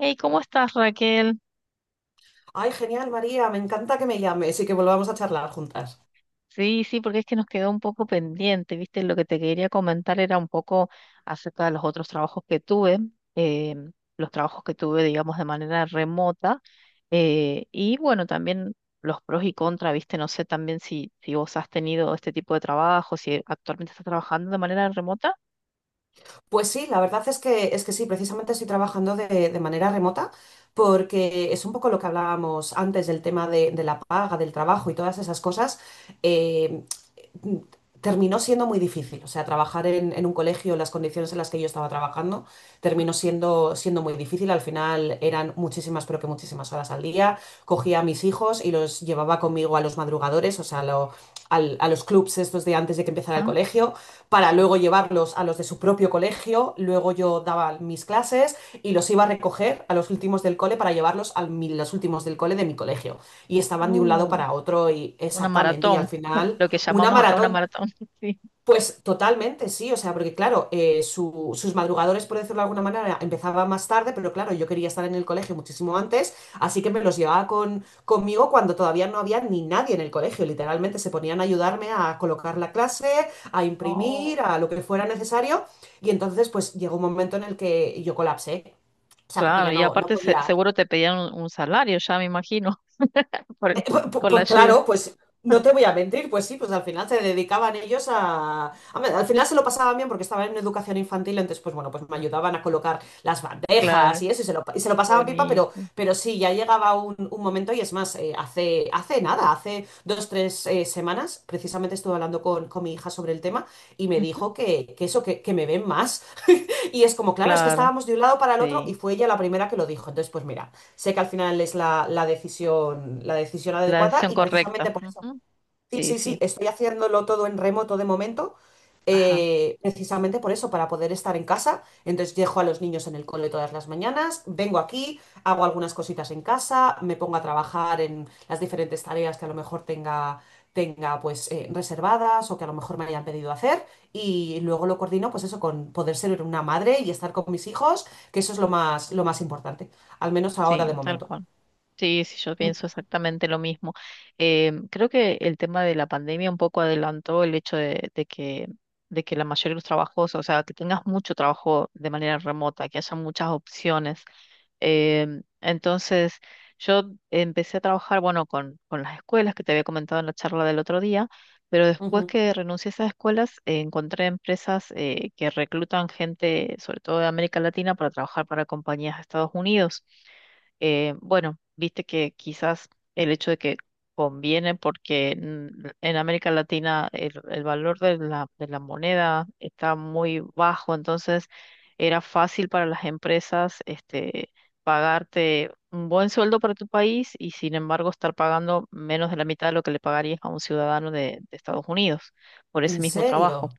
Hey, ¿cómo estás, Raquel? Ay, genial, María, me encanta que me llames y que volvamos a charlar juntas. Sí, sí, porque es que nos quedó un poco pendiente, ¿viste? Lo que te quería comentar era un poco acerca de los otros trabajos que tuve, eh, los trabajos que tuve, digamos, de manera remota, y bueno, también los pros y contras, ¿viste? No sé también si vos has tenido este tipo de trabajo, si actualmente estás trabajando de manera remota. Pues sí, la verdad es que sí, precisamente estoy trabajando de manera remota porque es un poco lo que hablábamos antes del tema de la paga, del trabajo y todas esas cosas. eh, mm, Terminó siendo muy difícil, o sea, trabajar en un colegio, las condiciones en las que yo estaba trabajando, terminó siendo muy difícil. Al final eran muchísimas, pero que muchísimas horas al día. Cogía a mis hijos y los llevaba conmigo a los madrugadores, o sea, a los clubs estos de antes de que empezara el Ah, colegio para sí. luego llevarlos a los de su propio colegio, luego yo daba mis clases y los iba a recoger a los últimos del cole para llevarlos a los últimos del cole de mi colegio. Y estaban de un lado No, para otro y una exactamente, y al maratón, final lo que una llamamos acá una maratón. maratón, sí. Pues totalmente, sí, o sea, porque claro, sus madrugadores, por decirlo de alguna manera, empezaban más tarde, pero claro, yo quería estar en el colegio muchísimo antes, así que me los llevaba conmigo cuando todavía no había ni nadie en el colegio, literalmente se ponían a ayudarme a colocar la clase, a imprimir, a lo que fuera necesario, y entonces pues llegó un momento en el que yo colapsé, o sea, porque Claro, ya y no, no aparte podía. seguro te pedían un salario, ya me imagino, por Pues, el- pues con la pues ayuda. claro, pues no te voy a mentir, pues sí, pues al final se dedicaban ellos a ver, al final se lo pasaban bien porque estaban en educación infantil, entonces pues bueno, pues me ayudaban a colocar las bandejas Claro, y eso, y se lo pasaban pipa, pero, bonito. pero sí, ya llegaba un momento y es más, hace nada, hace 2, 3 semanas, precisamente estuve hablando con mi hija sobre el tema y me Ujú. dijo que eso, que me ven más. Y es como, claro, es que Claro, estábamos de un lado para el otro y sí. fue ella la primera que lo dijo. Entonces, pues mira, sé que al final es la decisión La adecuada decisión y correcta. precisamente por eso. Ujú. Sí, Sí, sí, sí, sí. estoy haciéndolo todo en remoto de momento, Ajá, precisamente por eso, para poder estar en casa. Entonces dejo a los niños en el cole todas las mañanas, vengo aquí, hago algunas cositas en casa, me pongo a trabajar en las diferentes tareas que a lo mejor tenga, pues reservadas o que a lo mejor me hayan pedido hacer y luego lo coordino pues eso con poder ser una madre y estar con mis hijos, que eso es lo más importante, al menos ahora sí, de tal momento. cual. Sí, sí, yo Mm. pienso exactamente lo mismo. Creo que el tema de la pandemia un poco adelantó el hecho de que la mayoría de los trabajos, o sea, que tengas mucho trabajo de manera remota, que haya muchas opciones. Entonces, yo empecé a trabajar, bueno, con las escuelas que te había comentado en la charla del otro día, pero después Ujú. que renuncié a esas escuelas, encontré empresas que reclutan gente, sobre todo de América Latina, para trabajar para compañías de Estados Unidos. Bueno, viste que quizás el hecho de que conviene porque en América Latina el valor de de la moneda está muy bajo, entonces era fácil para las empresas este, pagarte un buen sueldo para tu país y sin embargo estar pagando menos de la mitad de lo que le pagarías a un ciudadano de Estados Unidos por ese ¿En mismo trabajo. serio?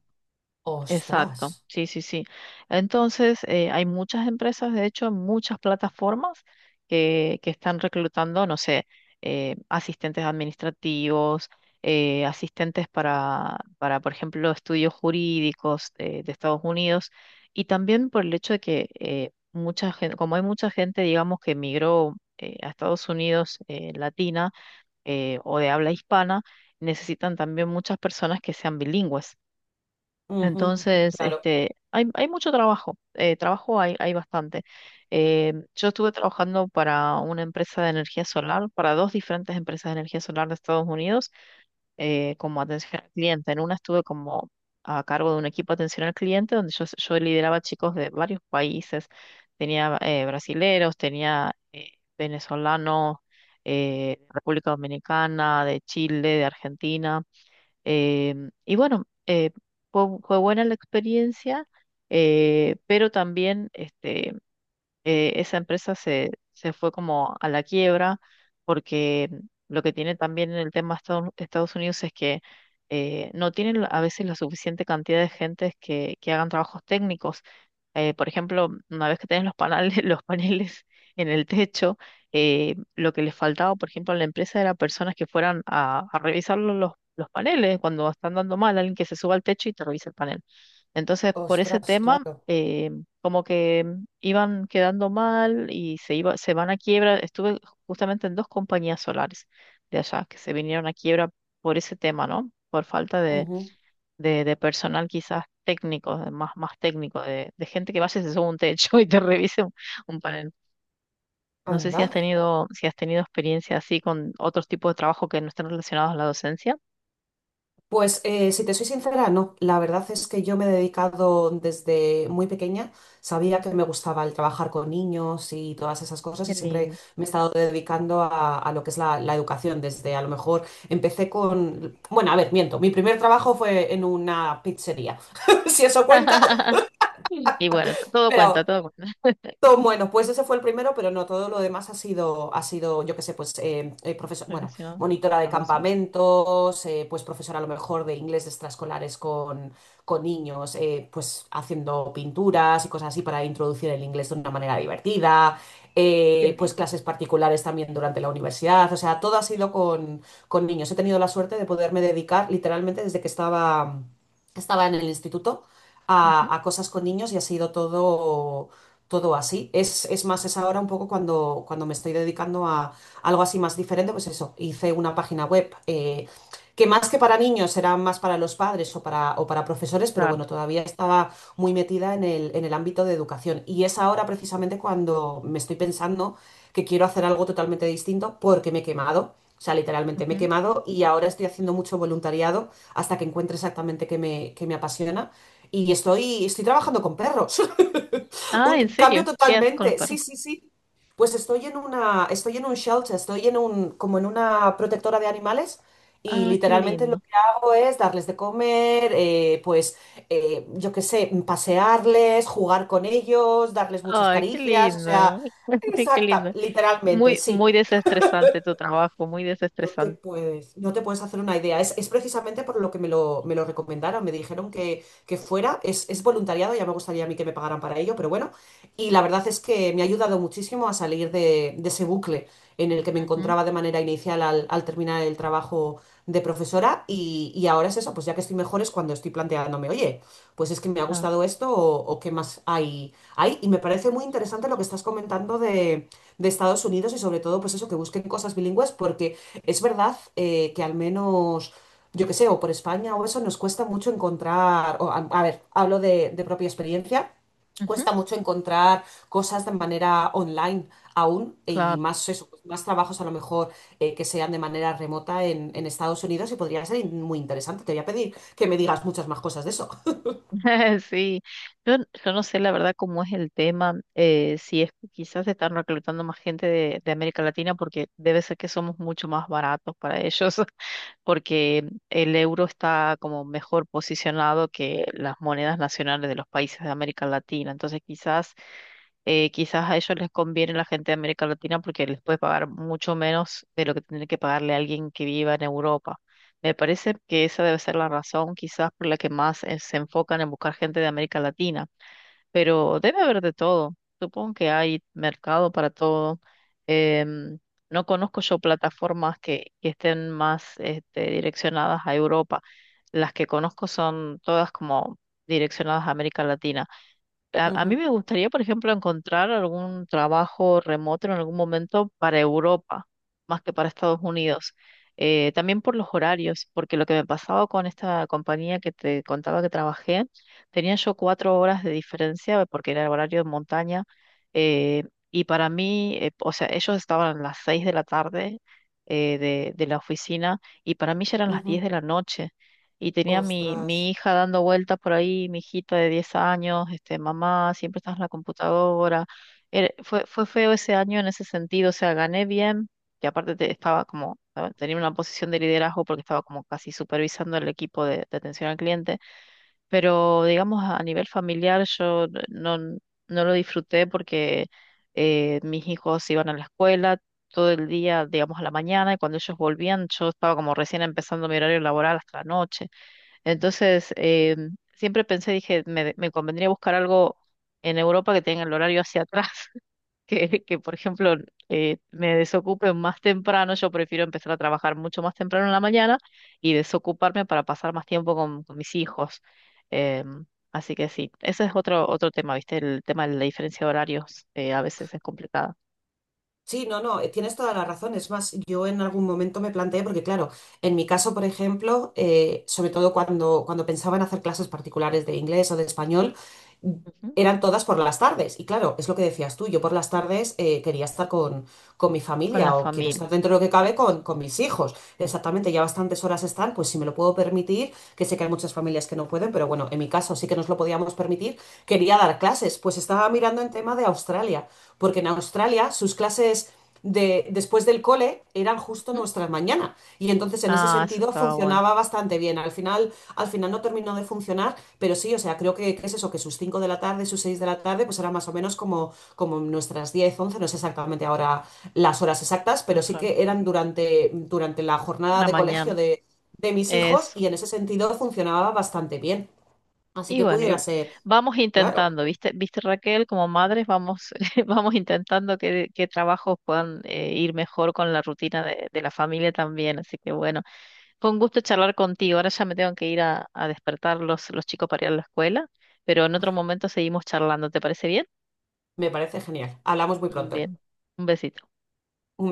Exacto, ¡Ostras! sí, sí, sí. Entonces, hay muchas empresas, de hecho, muchas plataformas que están reclutando, no sé, asistentes administrativos, asistentes para, por ejemplo, estudios jurídicos de Estados Unidos, y también por el hecho de que mucha gente, como hay mucha gente, digamos, que emigró a Estados Unidos latina o de habla hispana, necesitan también muchas personas que sean bilingües. Ujú. Entonces, Claro. este, hay mucho trabajo, trabajo hay, hay bastante. Yo estuve trabajando para una empresa de energía solar, para dos diferentes empresas de energía solar de Estados Unidos, como atención al cliente. En una estuve como a cargo de un equipo de atención al cliente, donde yo lideraba chicos de varios países. Tenía brasileros, tenía venezolanos, República Dominicana, de Chile, de Argentina. Y bueno, fue, fue buena la experiencia, pero también este, esa empresa se fue como a la quiebra porque lo que tiene también en el tema Estados Unidos es que no tienen a veces la suficiente cantidad de gentes que hagan trabajos técnicos. Por ejemplo, una vez que tenés los paneles, los paneles en el techo, lo que les faltaba, por ejemplo, a la empresa era personas que fueran a revisar los paneles cuando están dando mal, alguien que se suba al techo y te revise el panel. Entonces, por ese Ostras, tema, claro. Como que iban quedando mal y se iba, se van a quiebra. Estuve justamente en dos compañías solares de allá que se vinieron a quiebra por ese tema, ¿no? Por falta Ujú. De personal quizás técnico, de más, más técnico, de gente que vaya y se suba a un techo y te revise un panel. No sé si Anda. has tenido, si has tenido experiencia así con otros tipos de trabajo que no estén relacionados a la docencia. Pues si te soy sincera, no. La verdad es que yo me he dedicado desde muy pequeña. Sabía que me gustaba el trabajar con niños y todas esas cosas Qué y siempre lindo. me he estado dedicando a, lo que es la educación. Desde a lo mejor empecé con. Bueno, a ver, miento. Mi primer trabajo fue en una pizzería, si eso cuenta. Y bueno, Pero todo cuenta bueno, pues ese fue el primero, pero no, todo lo demás ha sido, yo qué sé, pues profesor, bueno, relacionado monitora de a la docencia. campamentos, pues profesora a lo mejor de inglés de extraescolares con niños, pues haciendo pinturas y cosas así para introducir el inglés de una manera divertida, Qué pues lindo. clases particulares también durante la universidad, o sea, todo ha sido con, niños. He tenido la suerte de poderme dedicar literalmente desde que estaba en el instituto Ujú. a, cosas con niños y ha sido todo así. Es más, es ahora un poco cuando me estoy dedicando a algo así más diferente, pues eso, hice una página web que más que para niños era más para los padres o para, profesores, pero Ah, bueno, todavía estaba muy metida en el ámbito de educación. Y es ahora precisamente cuando me estoy pensando que quiero hacer algo totalmente distinto porque me he quemado. O sea, literalmente me he ujú. quemado y ahora estoy haciendo mucho voluntariado hasta que encuentre exactamente qué me apasiona. Y estoy trabajando con perros. Ah, ¿en Un serio? cambio ¿Qué haces con los totalmente. Sí, perros? sí, sí. Pues estoy en una, estoy en un shelter, estoy en un, como en una protectora de animales y Ah, qué literalmente lo lindo. que hago es darles de comer, pues yo qué sé, pasearles, jugar con ellos, darles muchas Ay, qué caricias, o lindo. sea, Ay, qué exacta, lindo. literalmente, Muy, sí. muy desestresante tu trabajo, muy No te desestresante. puedes, no te puedes hacer una idea. Es precisamente por lo que me lo recomendaron. Me dijeron que fuera, es voluntariado, ya me gustaría a mí que me pagaran para ello, pero bueno. Y la verdad es que me ha ayudado muchísimo a salir de ese bucle en el que me Ujú. encontraba de manera inicial al terminar el trabajo de profesora. Y ahora es eso, pues ya que estoy mejor es cuando estoy planteándome, oye, pues es que me ha Claro, gustado esto o qué más hay. Y me parece muy interesante lo que estás comentando de Estados Unidos y sobre todo pues eso, que busquen cosas bilingües porque es verdad que al menos, yo que sé, o por España o eso, nos cuesta mucho encontrar, o, a ver, hablo de propia experiencia, ujú. cuesta mucho encontrar cosas de manera online aún, y Claro. más eso, pues, más trabajos a lo mejor que sean de manera remota en, Estados Unidos y podría ser muy interesante. Te voy a pedir que me digas muchas más cosas de eso. Sí. Yo, yo no sé la verdad cómo es el tema, si es que quizás están reclutando más gente de América Latina, porque debe ser que somos mucho más baratos para ellos. Porque el euro está como mejor posicionado que las monedas nacionales de los países de América Latina. Entonces quizás, quizás a ellos les conviene la gente de América Latina porque les puede pagar mucho menos de lo que tendría que pagarle a alguien que viva en Europa. Me parece que esa debe ser la razón quizás por la que más se enfocan en buscar gente de América Latina, pero debe haber de todo. Supongo que hay mercado para todo. Em, no conozco yo plataformas que estén más este, direccionadas a Europa. Las que conozco son todas como direccionadas a América Latina. A mí Ujú, me gustaría, por ejemplo, encontrar algún trabajo remoto en algún momento para Europa, más que para Estados Unidos. También por los horarios, porque lo que me pasaba con esta compañía que te contaba que trabajé, tenía yo 4 horas de diferencia porque era el horario de montaña. eh, y para mí, o sea, ellos estaban a las 6 de la tarde de la oficina y para mí ya eran las ujú. 10 de la noche y tenía Ostras. mi hija dando vueltas por ahí, mi hijita de 10 años, este, mamá, siempre estás en la computadora. Fue, fue feo ese año en ese sentido, o sea, gané bien, y aparte estaba como, ah, tenía una posición de liderazgo porque estaba como casi supervisando el equipo de atención al cliente, pero digamos a nivel familiar yo no lo disfruté porque mis hijos iban a la escuela todo el día, digamos, a la mañana, y cuando ellos volvían, yo estaba como recién empezando mi horario laboral hasta la noche. Entonces, siempre pensé, dije, me convendría buscar algo en Europa que tenga el horario hacia atrás, que por ejemplo, me desocupe más temprano. Yo prefiero empezar a trabajar mucho más temprano en la mañana y desocuparme para pasar más tiempo con mis hijos. Em, Así que sí, ese es otro, otro tema, ¿viste? El tema de la diferencia de horarios a veces es complicada. Sí, no, no, tienes toda la razón. Es más, yo en algún momento me planteé, porque claro, en mi caso, por ejemplo, sobre todo cuando pensaba en hacer clases particulares de inglés o de español, mm, Ujú. eran todas por las tardes. Y claro, es lo que decías tú, yo por las tardes quería estar con, mi Con la familia o quiero familia. estar dentro de lo que cabe Exacto. con mis hijos. Exactamente, ya bastantes horas están, pues si me lo puedo permitir, que sé que hay muchas familias que no pueden, pero bueno, en mi caso sí que nos lo podíamos permitir, quería dar clases. Pues estaba mirando en tema de Australia porque en Australia sus clases después del cole eran justo Ujú. nuestras mañanas y entonces en ese Ah, eso sentido estaba bueno. funcionaba bastante bien. Al final no terminó de funcionar, pero sí, o sea, creo que es eso, que sus 5 de la tarde, sus 6 de la tarde, pues eran más o menos como nuestras 10 11 no sé exactamente ahora las horas exactas, pero sí Eso, era que eran durante la jornada la de mañana. colegio de mis hijos Es. y en ese sentido funcionaba bastante bien. Así Y que bueno, y pudiera ser, vamos claro, intentando, ¿viste? ¿Viste, Raquel? Como madres vamos, vamos intentando que trabajos puedan ir mejor con la rutina de la familia también. Así que bueno, fue un gusto charlar contigo. Ahora ya me tengo que ir a despertar los chicos para ir a la escuela, pero en otro momento seguimos charlando. ¿Te parece bien? me parece genial. Hablamos muy pronto. Bien, un besito. Un